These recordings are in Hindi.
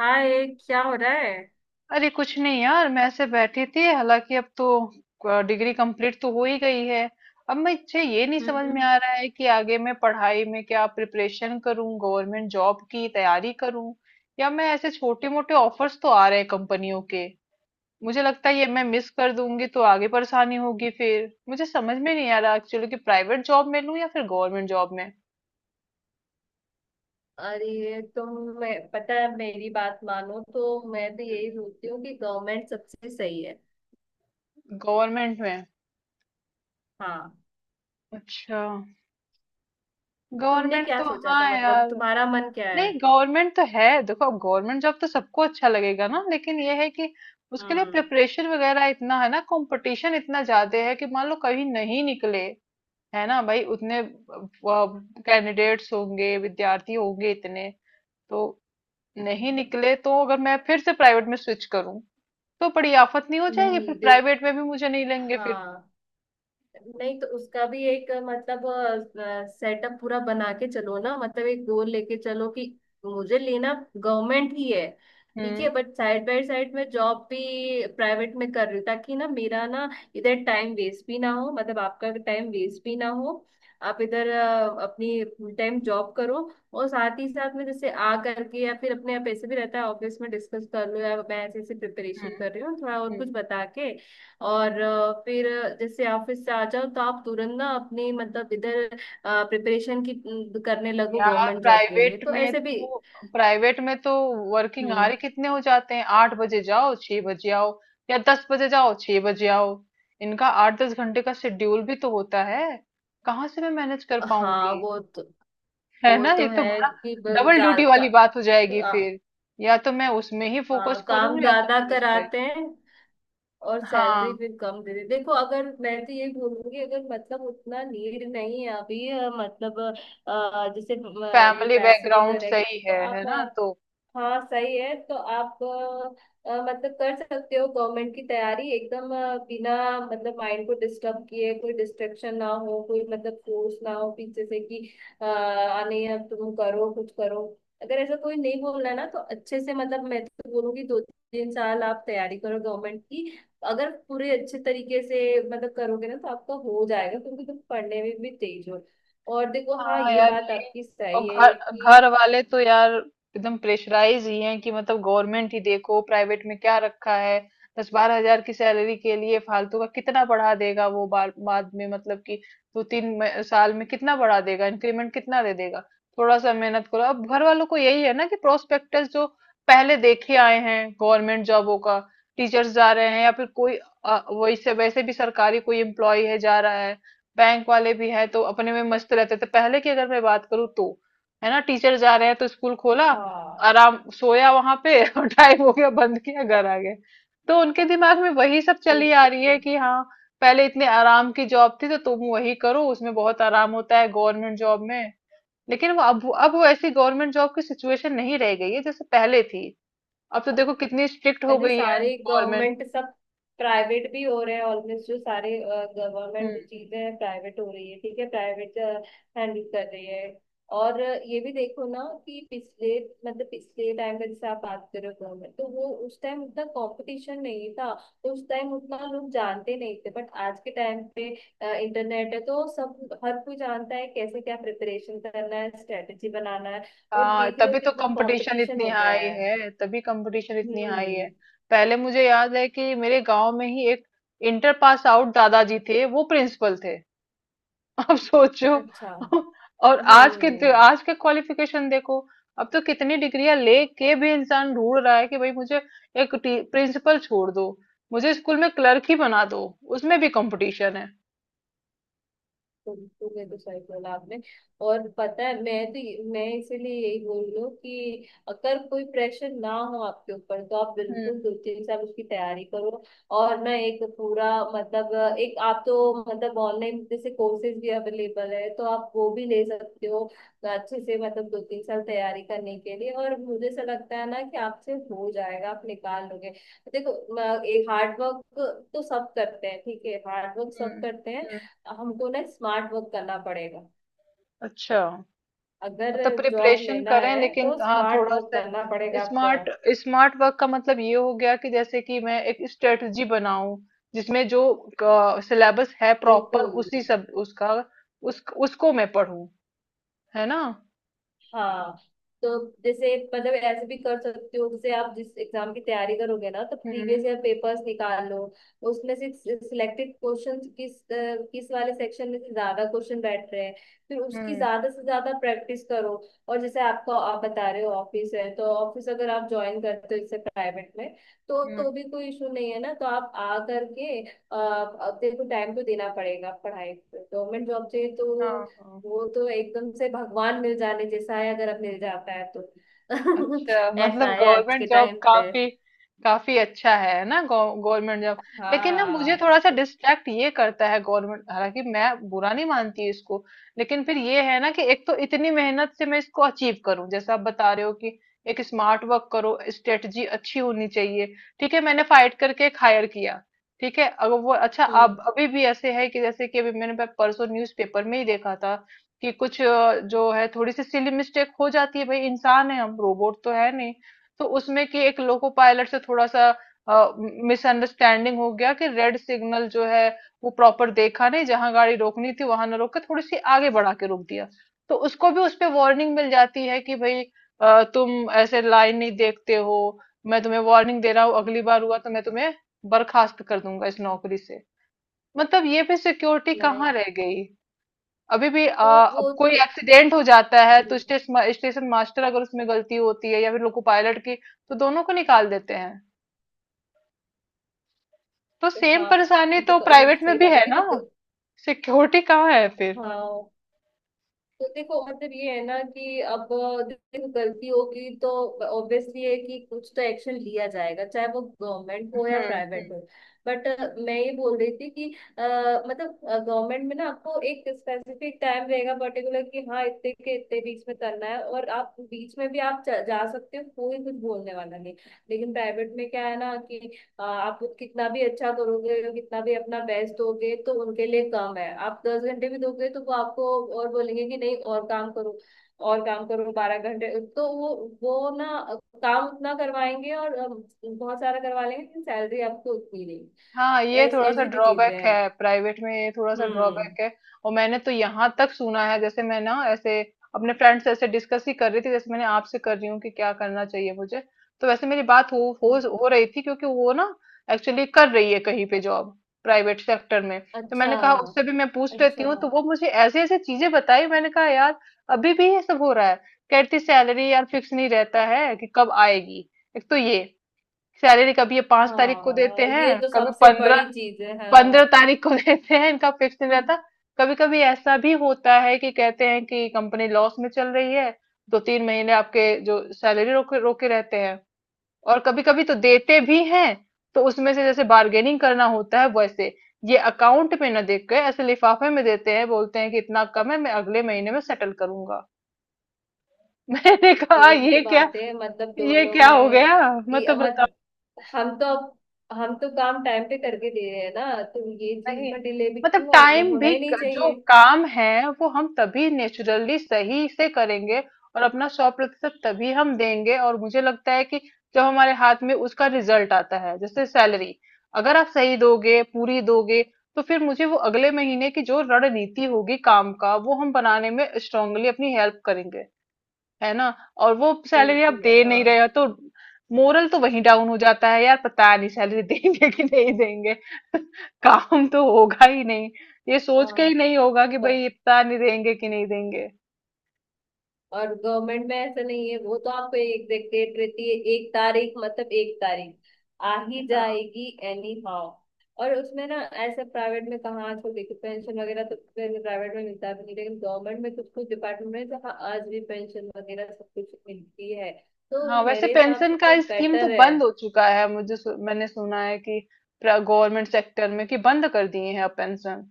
हाय। क्या हो रहा है। अरे कुछ नहीं यार, मैं ऐसे बैठी थी। हालांकि अब तो डिग्री कंप्लीट तो हो ही गई है। अब मुझे ये नहीं समझ में हम्म। आ रहा है कि आगे मैं पढ़ाई में क्या प्रिपरेशन करूं, गवर्नमेंट जॉब की तैयारी करूं या मैं ऐसे, छोटे मोटे ऑफर्स तो आ रहे हैं कंपनियों के, मुझे लगता है ये मैं मिस कर दूंगी तो आगे परेशानी होगी। फिर मुझे समझ में नहीं आ रहा एक्चुअली कि प्राइवेट जॉब में लूं या फिर गवर्नमेंट जॉब में। अरे तुम। मैं पता है मेरी बात मानो तो मैं तो यही सोचती हूँ कि गवर्नमेंट सबसे सही है। गवर्नमेंट में। हाँ। अच्छा। तुमने गवर्नमेंट क्या तो सोचा हाँ था मतलब यार। तुम्हारा मन क्या है। नहीं, गवर्नमेंट तो है, देखो अब गवर्नमेंट जॉब तो सबको अच्छा लगेगा ना, लेकिन ये है कि उसके लिए हम्म। प्रिपरेशन वगैरह इतना है ना, कंपटीशन इतना ज्यादा है कि मान लो कहीं नहीं निकले। है ना भाई, उतने कैंडिडेट्स होंगे, विद्यार्थी होंगे इतने, तो नहीं निकले तो अगर मैं फिर से प्राइवेट में स्विच करूं तो बड़ी आफत नहीं हो जाएगी? फिर नहीं, देख। प्राइवेट में भी मुझे नहीं लेंगे फिर। हाँ। नहीं तो उसका भी एक मतलब, सेटअप पूरा बना के चलो ना मतलब एक गोल लेके चलो कि मुझे लेना गवर्नमेंट ही है। ठीक हम्म। है बट साइड बाय साइड मैं जॉब भी प्राइवेट में कर रही हूँ ताकि ना मेरा ना इधर टाइम वेस्ट भी ना हो मतलब आपका टाइम वेस्ट भी ना हो। आप इधर अपनी फुल टाइम जॉब करो और साथ ही साथ में जैसे आ करके या फिर अपने आप ऐसे भी रहता है ऑफिस में डिस्कस कर लो या मैं ऐसे ऐसे प्रिपरेशन कर रही हूँ थोड़ा और कुछ हम्म। बता के। और फिर जैसे ऑफिस से आ जाओ तो आप तुरंत ना अपनी मतलब इधर प्रिपरेशन की करने लगो यार गवर्नमेंट जॉब के लिए प्राइवेट तो में ऐसे भी। तो, प्राइवेट में तो वर्किंग हम्म। आवर कितने हो जाते हैं, 8 बजे जाओ 6 बजे आओ या 10 बजे जाओ 6 बजे आओ। इनका 8-10 घंटे का शेड्यूल भी तो होता है। कहाँ से मैं मैनेज कर हाँ पाऊंगी? वो तो है वो ना, तो ये तो है बड़ा कि डबल ड्यूटी वाली बात हो जाएगी आ, फिर। या तो मैं उसमें ही फोकस हाँ करूँ काम या तो ज्यादा फिर इस पे। कराते हैं और सैलरी हाँ, फिर कम दे देते हैं। देखो अगर मैं तो ये बोलूंगी अगर मतलब उतना नीड नहीं है अभी मतलब जैसे ये फैमिली पैसे बैकग्राउंड वगैरह की, सही तो है आप ना, तो हाँ सही है तो आप मतलब कर सकते हो गवर्नमेंट की तैयारी एकदम बिना मतलब माइंड को डिस्टर्ब किए कोई डिस्ट्रेक्शन ना हो कोई मतलब फोर्स ना हो पीछे से कि अ, आ नहीं अब तुम करो कुछ करो। अगर ऐसा कोई नहीं बोल रहा ना तो अच्छे से मतलब मैं तो बोलूंगी दो तीन साल आप तैयारी करो गवर्नमेंट की। अगर पूरे अच्छे तरीके से मतलब करोगे ना तो आपका हो जाएगा क्योंकि तुम पढ़ने में भी तेज हो। और देखो हाँ हाँ ये यार। बात ये आपकी और सही घर है कि घर वाले तो यार एकदम प्रेशराइज ही हैं कि मतलब गवर्नमेंट ही, देखो प्राइवेट में क्या रखा है। 10-12 हजार की सैलरी के लिए फालतू का। कितना बढ़ा देगा वो बाद में मतलब कि दो तीन साल में कितना बढ़ा देगा, इंक्रीमेंट कितना दे देगा। थोड़ा सा मेहनत करो, अब घर वालों को यही है ना कि प्रोस्पेक्टस जो पहले देखे आए हैं गवर्नमेंट जॉबों का, टीचर्स जा रहे हैं या फिर कोई वैसे वैसे भी सरकारी कोई एम्प्लॉय है जा रहा है, बैंक वाले भी हैं, तो अपने में मस्त रहते थे पहले की अगर मैं बात करूँ तो। है ना, टीचर जा रहे हैं तो स्कूल खोला, हाँ आराम सोया वहां पे और टाइम हो गया बंद किया, घर आ गए। तो उनके दिमाग में वही सब चली आ रही तो है कि हाँ पहले इतने आराम की जॉब थी तो तुम वही करो, उसमें बहुत आराम होता है गवर्नमेंट जॉब में। लेकिन वो अब वो ऐसी गवर्नमेंट जॉब की सिचुएशन नहीं रह गई है जैसे पहले थी। अब तो देखो कितनी स्ट्रिक्ट हो अरे गई है सारे गवर्नमेंट। गवर्नमेंट सब प्राइवेट भी हो रहे हैं ऑलमोस्ट जो सारे गवर्नमेंट चीजें हैं प्राइवेट हो रही है ठीक है प्राइवेट हैंडल कर रही है। और ये भी देखो ना कि पिछले मतलब पिछले टाइम का जैसे आप बात कर रहे हो गवर्नमेंट तो वो उस टाइम उतना कंपटीशन नहीं था। तो उस टाइम उतना लोग जानते नहीं थे बट आज के टाइम पे इंटरनेट है तो सब हर कोई जानता है कैसे क्या प्रिपरेशन करना है स्ट्रेटेजी बनाना है। और हाँ देख रहे हो तभी तो कितना कंपटीशन कंपटीशन इतनी हो गया हाई है। है, तभी कंपटीशन इतनी हाई है। हम्म। पहले मुझे याद है कि मेरे गांव में ही एक इंटर पास आउट दादाजी थे, वो प्रिंसिपल थे अब सोचो अच्छा। हम्म। और आज के, आज के क्वालिफिकेशन देखो। अब तो कितनी डिग्रियां लेके भी इंसान ढूंढ रहा है कि भाई मुझे एक प्रिंसिपल छोड़ दो, मुझे स्कूल में क्लर्क ही बना दो, उसमें भी कंपटीशन है। तो ये तो सही बोला आपने। और पता है मैं तो मैं इसीलिए यही बोल रही हूँ कि अगर कोई प्रेशर ना हो आपके ऊपर तो आप बिल्कुल हम्म। दो तीन साल उसकी तैयारी करो। और ना एक पूरा मतलब एक आप तो मतलब ऑनलाइन जैसे कोर्सेज भी अवेलेबल है तो आप वो भी ले सकते हो। अच्छे से मतलब दो तीन साल तैयारी करने के लिए और मुझे ऐसा लगता है ना कि आपसे हो जाएगा आप निकाल लोगे। देखो एक हार्ड वर्क तो सब करते हैं ठीक है हार्ड वर्क सब हम्म। करते हैं। हम्म। हमको ना स्मार्ट वर्क करना पड़ेगा। अच्छा, अगर मतलब जॉब प्रिपरेशन लेना करें है लेकिन तो हाँ स्मार्ट थोड़ा वर्क सा करना पड़ेगा आपको। स्मार्ट। स्मार्ट वर्क का मतलब ये हो गया कि जैसे कि मैं एक स्ट्रेटजी बनाऊं जिसमें जो सिलेबस है प्रॉपर, बिल्कुल उसी सब उसका, उस उसको मैं पढूं, है ना। हाँ। तो जैसे मतलब ऐसे भी कर सकते हो जैसे आप जिस एग्जाम की तैयारी करोगे ना तो हम्म। प्रीवियस ईयर पेपर्स निकाल लो। उसमें से सिलेक्टेड क्वेश्चंस किस वाले सेक्शन में से ज्यादा क्वेश्चन बैठ रहे हैं। फिर उसकी हम्म। ज्यादा से ज्यादा प्रैक्टिस करो। और जैसे आपको आप बता रहे हो ऑफिस है तो ऑफिस अगर आप ज्वाइन करते हो जैसे प्राइवेट में तो हम्म। तो भी कोई इशू नहीं है ना तो आप आ करके अब तेरे को टाइम तो देना पड़ेगा पढ़ाई पे गवर्नमेंट जॉब चाहिए हाँ, तो हाँ। वो तो एकदम से भगवान मिल जाने जैसा है अगर अब मिल जाता है तो। अच्छा मतलब ऐसा है आज गवर्नमेंट के जॉब टाइम पे। काफी, काफी अच्छा है ना गवर्नमेंट जॉब। लेकिन ना मुझे हाँ। थोड़ा सा डिस्ट्रैक्ट ये करता है गवर्नमेंट, हालांकि मैं बुरा नहीं मानती इसको, लेकिन फिर ये है ना कि एक तो इतनी मेहनत से मैं इसको अचीव करूं, जैसा आप बता रहे हो कि एक स्मार्ट वर्क करो, स्ट्रेटजी अच्छी होनी चाहिए, ठीक है, मैंने फाइट करके एक हायर किया, ठीक है। अगर वो अच्छा, हम्म। अब अभी भी ऐसे है कि जैसे कि अभी मैंने परसों न्यूज़पेपर में ही देखा था कि कुछ जो है थोड़ी सी सिली मिस्टेक हो जाती है, भाई इंसान है, हम रोबोट तो है नहीं, तो उसमें कि एक लोको पायलट से थोड़ा सा मिसअंडरस्टैंडिंग हो गया कि रेड सिग्नल जो है वो प्रॉपर देखा नहीं, जहां गाड़ी रोकनी थी वहां ना रोक के थोड़ी सी आगे बढ़ा के रोक दिया। तो उसको भी उस पे वार्निंग मिल जाती है कि भाई तुम ऐसे लाइन नहीं देखते हो, मैं तुम्हें वार्निंग दे रहा हूँ, अगली बार हुआ तो मैं तुम्हें बर्खास्त कर दूंगा इस नौकरी से। मतलब ये भी सिक्योरिटी कहाँ नहीं रह गई? अभी भी तो वो अब कोई तो। एक्सीडेंट हो जाता है तो हम्म। स्टेशन, स्टेशन मास्टर, अगर उसमें गलती होती है या फिर लोको पायलट की, तो दोनों को निकाल देते हैं। तो सेम हाँ परेशानी ये तो तो ये तो प्राइवेट में सही भी बात है है देखो। ना, सिक्योरिटी कहाँ है फिर? हाँ। तो देखो मतलब ये है ना कि अब देखो गलती होगी तो ऑब्वियसली है कि कुछ तो एक्शन लिया जाएगा चाहे वो गवर्नमेंट हो या हम्म। प्राइवेट हो। बट मैं ये बोल रही थी कि मतलब गवर्नमेंट में ना आपको एक स्पेसिफिक टाइम रहेगा पर्टिकुलर कि हाँ इतने के इतने बीच में करना है और आप बीच में भी आप जा सकते हो कोई कुछ बोलने वाला नहीं। लेकिन प्राइवेट में क्या है ना कि हाँ, आप कितना भी अच्छा करोगे कितना भी अपना बेस्ट दोगे तो उनके लिए कम है आप दस घंटे भी दोगे तो वो आपको और बोलेंगे कि नहीं और काम करो और काम करो बारह घंटे। तो वो ना काम उतना करवाएंगे और बहुत सारा करवा लेंगे लेकिन सैलरी आपको उतनी नहीं हाँ, ये थोड़ा सा ऐसी भी चीजें ड्रॉबैक हैं। है प्राइवेट में, ये थोड़ा सा हम्म। ड्रॉबैक है। और मैंने तो यहाँ तक सुना है, जैसे मैं ना ऐसे अपने फ्रेंड से ऐसे डिस्कस ही कर रही थी जैसे मैंने आपसे कर रही हूँ कि क्या करना चाहिए मुझे, तो वैसे मेरी बात हो हो हम्म, हो रही थी, क्योंकि वो ना एक्चुअली कर रही है कहीं पे जॉब, प्राइवेट सेक्टर में। तो अच्छा। मैंने कहा उससे भी मैं पूछ लेती अच्छा। हूँ, तो वो मुझे ऐसी ऐसी चीजें बताई, मैंने कहा यार अभी भी ये सब हो रहा है। कहती सैलरी यार फिक्स नहीं रहता है कि कब आएगी। एक तो ये, सैलरी कभी ये 5 तारीख को हाँ देते हैं, ये तो कभी सबसे पंद्रह, बड़ी चीज है पंद्रह हाँ। तारीख को लेते हैं, इनका फिक्स नहीं रहता। कभी कभी ऐसा भी होता है कि कहते हैं कि कंपनी लॉस में चल रही है, 2-3 महीने आपके जो सैलरी रोके रोके रहते हैं और कभी कभी तो देते भी हैं। तो उसमें से जैसे बार्गेनिंग करना होता है वैसे ये अकाउंट में ना देख के ऐसे लिफाफे में देते हैं, बोलते हैं कि इतना कम है, मैं अगले महीने में सेटल करूंगा मैंने कहा यही तो ये क्या, बात है मतलब ये दोनों क्या हो में गया, कि मतलब मत बताओ। हम तो हम तो काम टाइम पे करके दे रहे हैं ना तो ये चीज नहीं, में डिले भी मतलब क्यों टाइम होना भी ही नहीं जो चाहिए। काम है वो हम तभी नेचुरली सही से करेंगे और अपना 100% तभी हम देंगे, और मुझे लगता है कि जब हमारे हाथ में उसका रिजल्ट आता है जैसे सैलरी, अगर आप सही दोगे, पूरी दोगे, तो फिर मुझे वो अगले महीने की जो रणनीति होगी काम का, वो हम बनाने में स्ट्रांगली अपनी हेल्प करेंगे, है ना। और वो सैलरी आप बिल्कुल दे हाँ। नहीं रहे हो तो मोरल तो वहीं डाउन हो जाता है यार, पता नहीं सैलरी देंगे कि नहीं देंगे काम तो होगा ही नहीं, ये सोच के ही नहीं होगा कि हाँ। भाई पता नहीं देंगे कि नहीं देंगे। और गवर्नमेंट में ऐसा नहीं है वो तो आपको एक डेट रहती है एक तारीख मतलब एक तारीख आ ही हाँ। जाएगी एनी हाउ। और उसमें ना ऐसे प्राइवेट में कहाँ आजकल देखो पेंशन वगैरह तो प्राइवेट में मिलता भी नहीं लेकिन गवर्नमेंट में कुछ कुछ डिपार्टमेंट में जहाँ आज भी पेंशन वगैरह सब कुछ मिलती है। हाँ, तो वैसे मेरे हिसाब से पेंशन का तो स्कीम तो बेटर है। बंद हो चुका है, मुझे मैंने सुना है कि गवर्नमेंट सेक्टर में कि बंद कर दिए हैं अब पेंशन,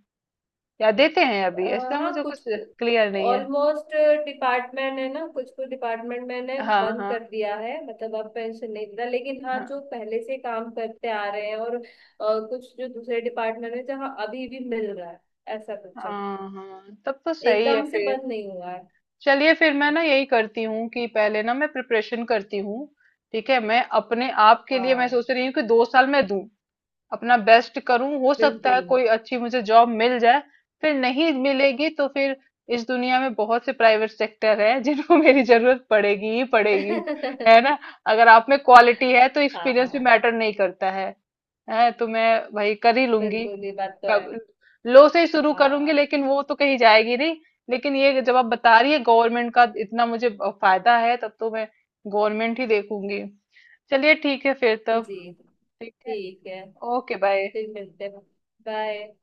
या देते हैं अभी, अ, ऐसा हाँ मुझे कुछ कुछ क्लियर नहीं है। ऑलमोस्ट डिपार्टमेंट है ना कुछ कुछ डिपार्टमेंट मैंने हाँ बंद हाँ। कर दिया है मतलब अब पेंशन नहीं देता लेकिन हाँ हाँ। जो पहले से काम करते आ रहे हैं और कुछ जो दूसरे डिपार्टमेंट है जहाँ अभी भी मिल रहा है। ऐसा कुछ है हाँ। हाँ तब तो सही है एकदम से फिर। बंद नहीं हुआ है। चलिए फिर मैं ना यही करती हूँ कि पहले ना मैं प्रिपरेशन करती हूँ, ठीक है। मैं अपने आप के लिए मैं हाँ सोच रही हूँ कि 2 साल मैं दूं, अपना बेस्ट करूँ, हो सकता है बिल्कुल। कोई अच्छी मुझे जॉब मिल जाए। फिर नहीं मिलेगी तो फिर इस दुनिया में बहुत से प्राइवेट सेक्टर है जिनको मेरी जरूरत पड़ेगी ही पड़ेगी, है ना। अगर आप में क्वालिटी है तो एक्सपीरियंस भी हाँ मैटर नहीं करता है तो मैं भाई कर ही लूंगी। बिल्कुल ये बात तो है। कब, लो से ही शुरू करूंगी, हाँ। लेकिन वो तो कहीं जाएगी नहीं। लेकिन ये जब आप बता रही है गवर्नमेंट का इतना मुझे फायदा है, तब तो मैं गवर्नमेंट ही देखूंगी। चलिए ठीक है फिर तब। जी। ठीक है। ठीक है ओके बाय। फिर मिलते हैं। बाय।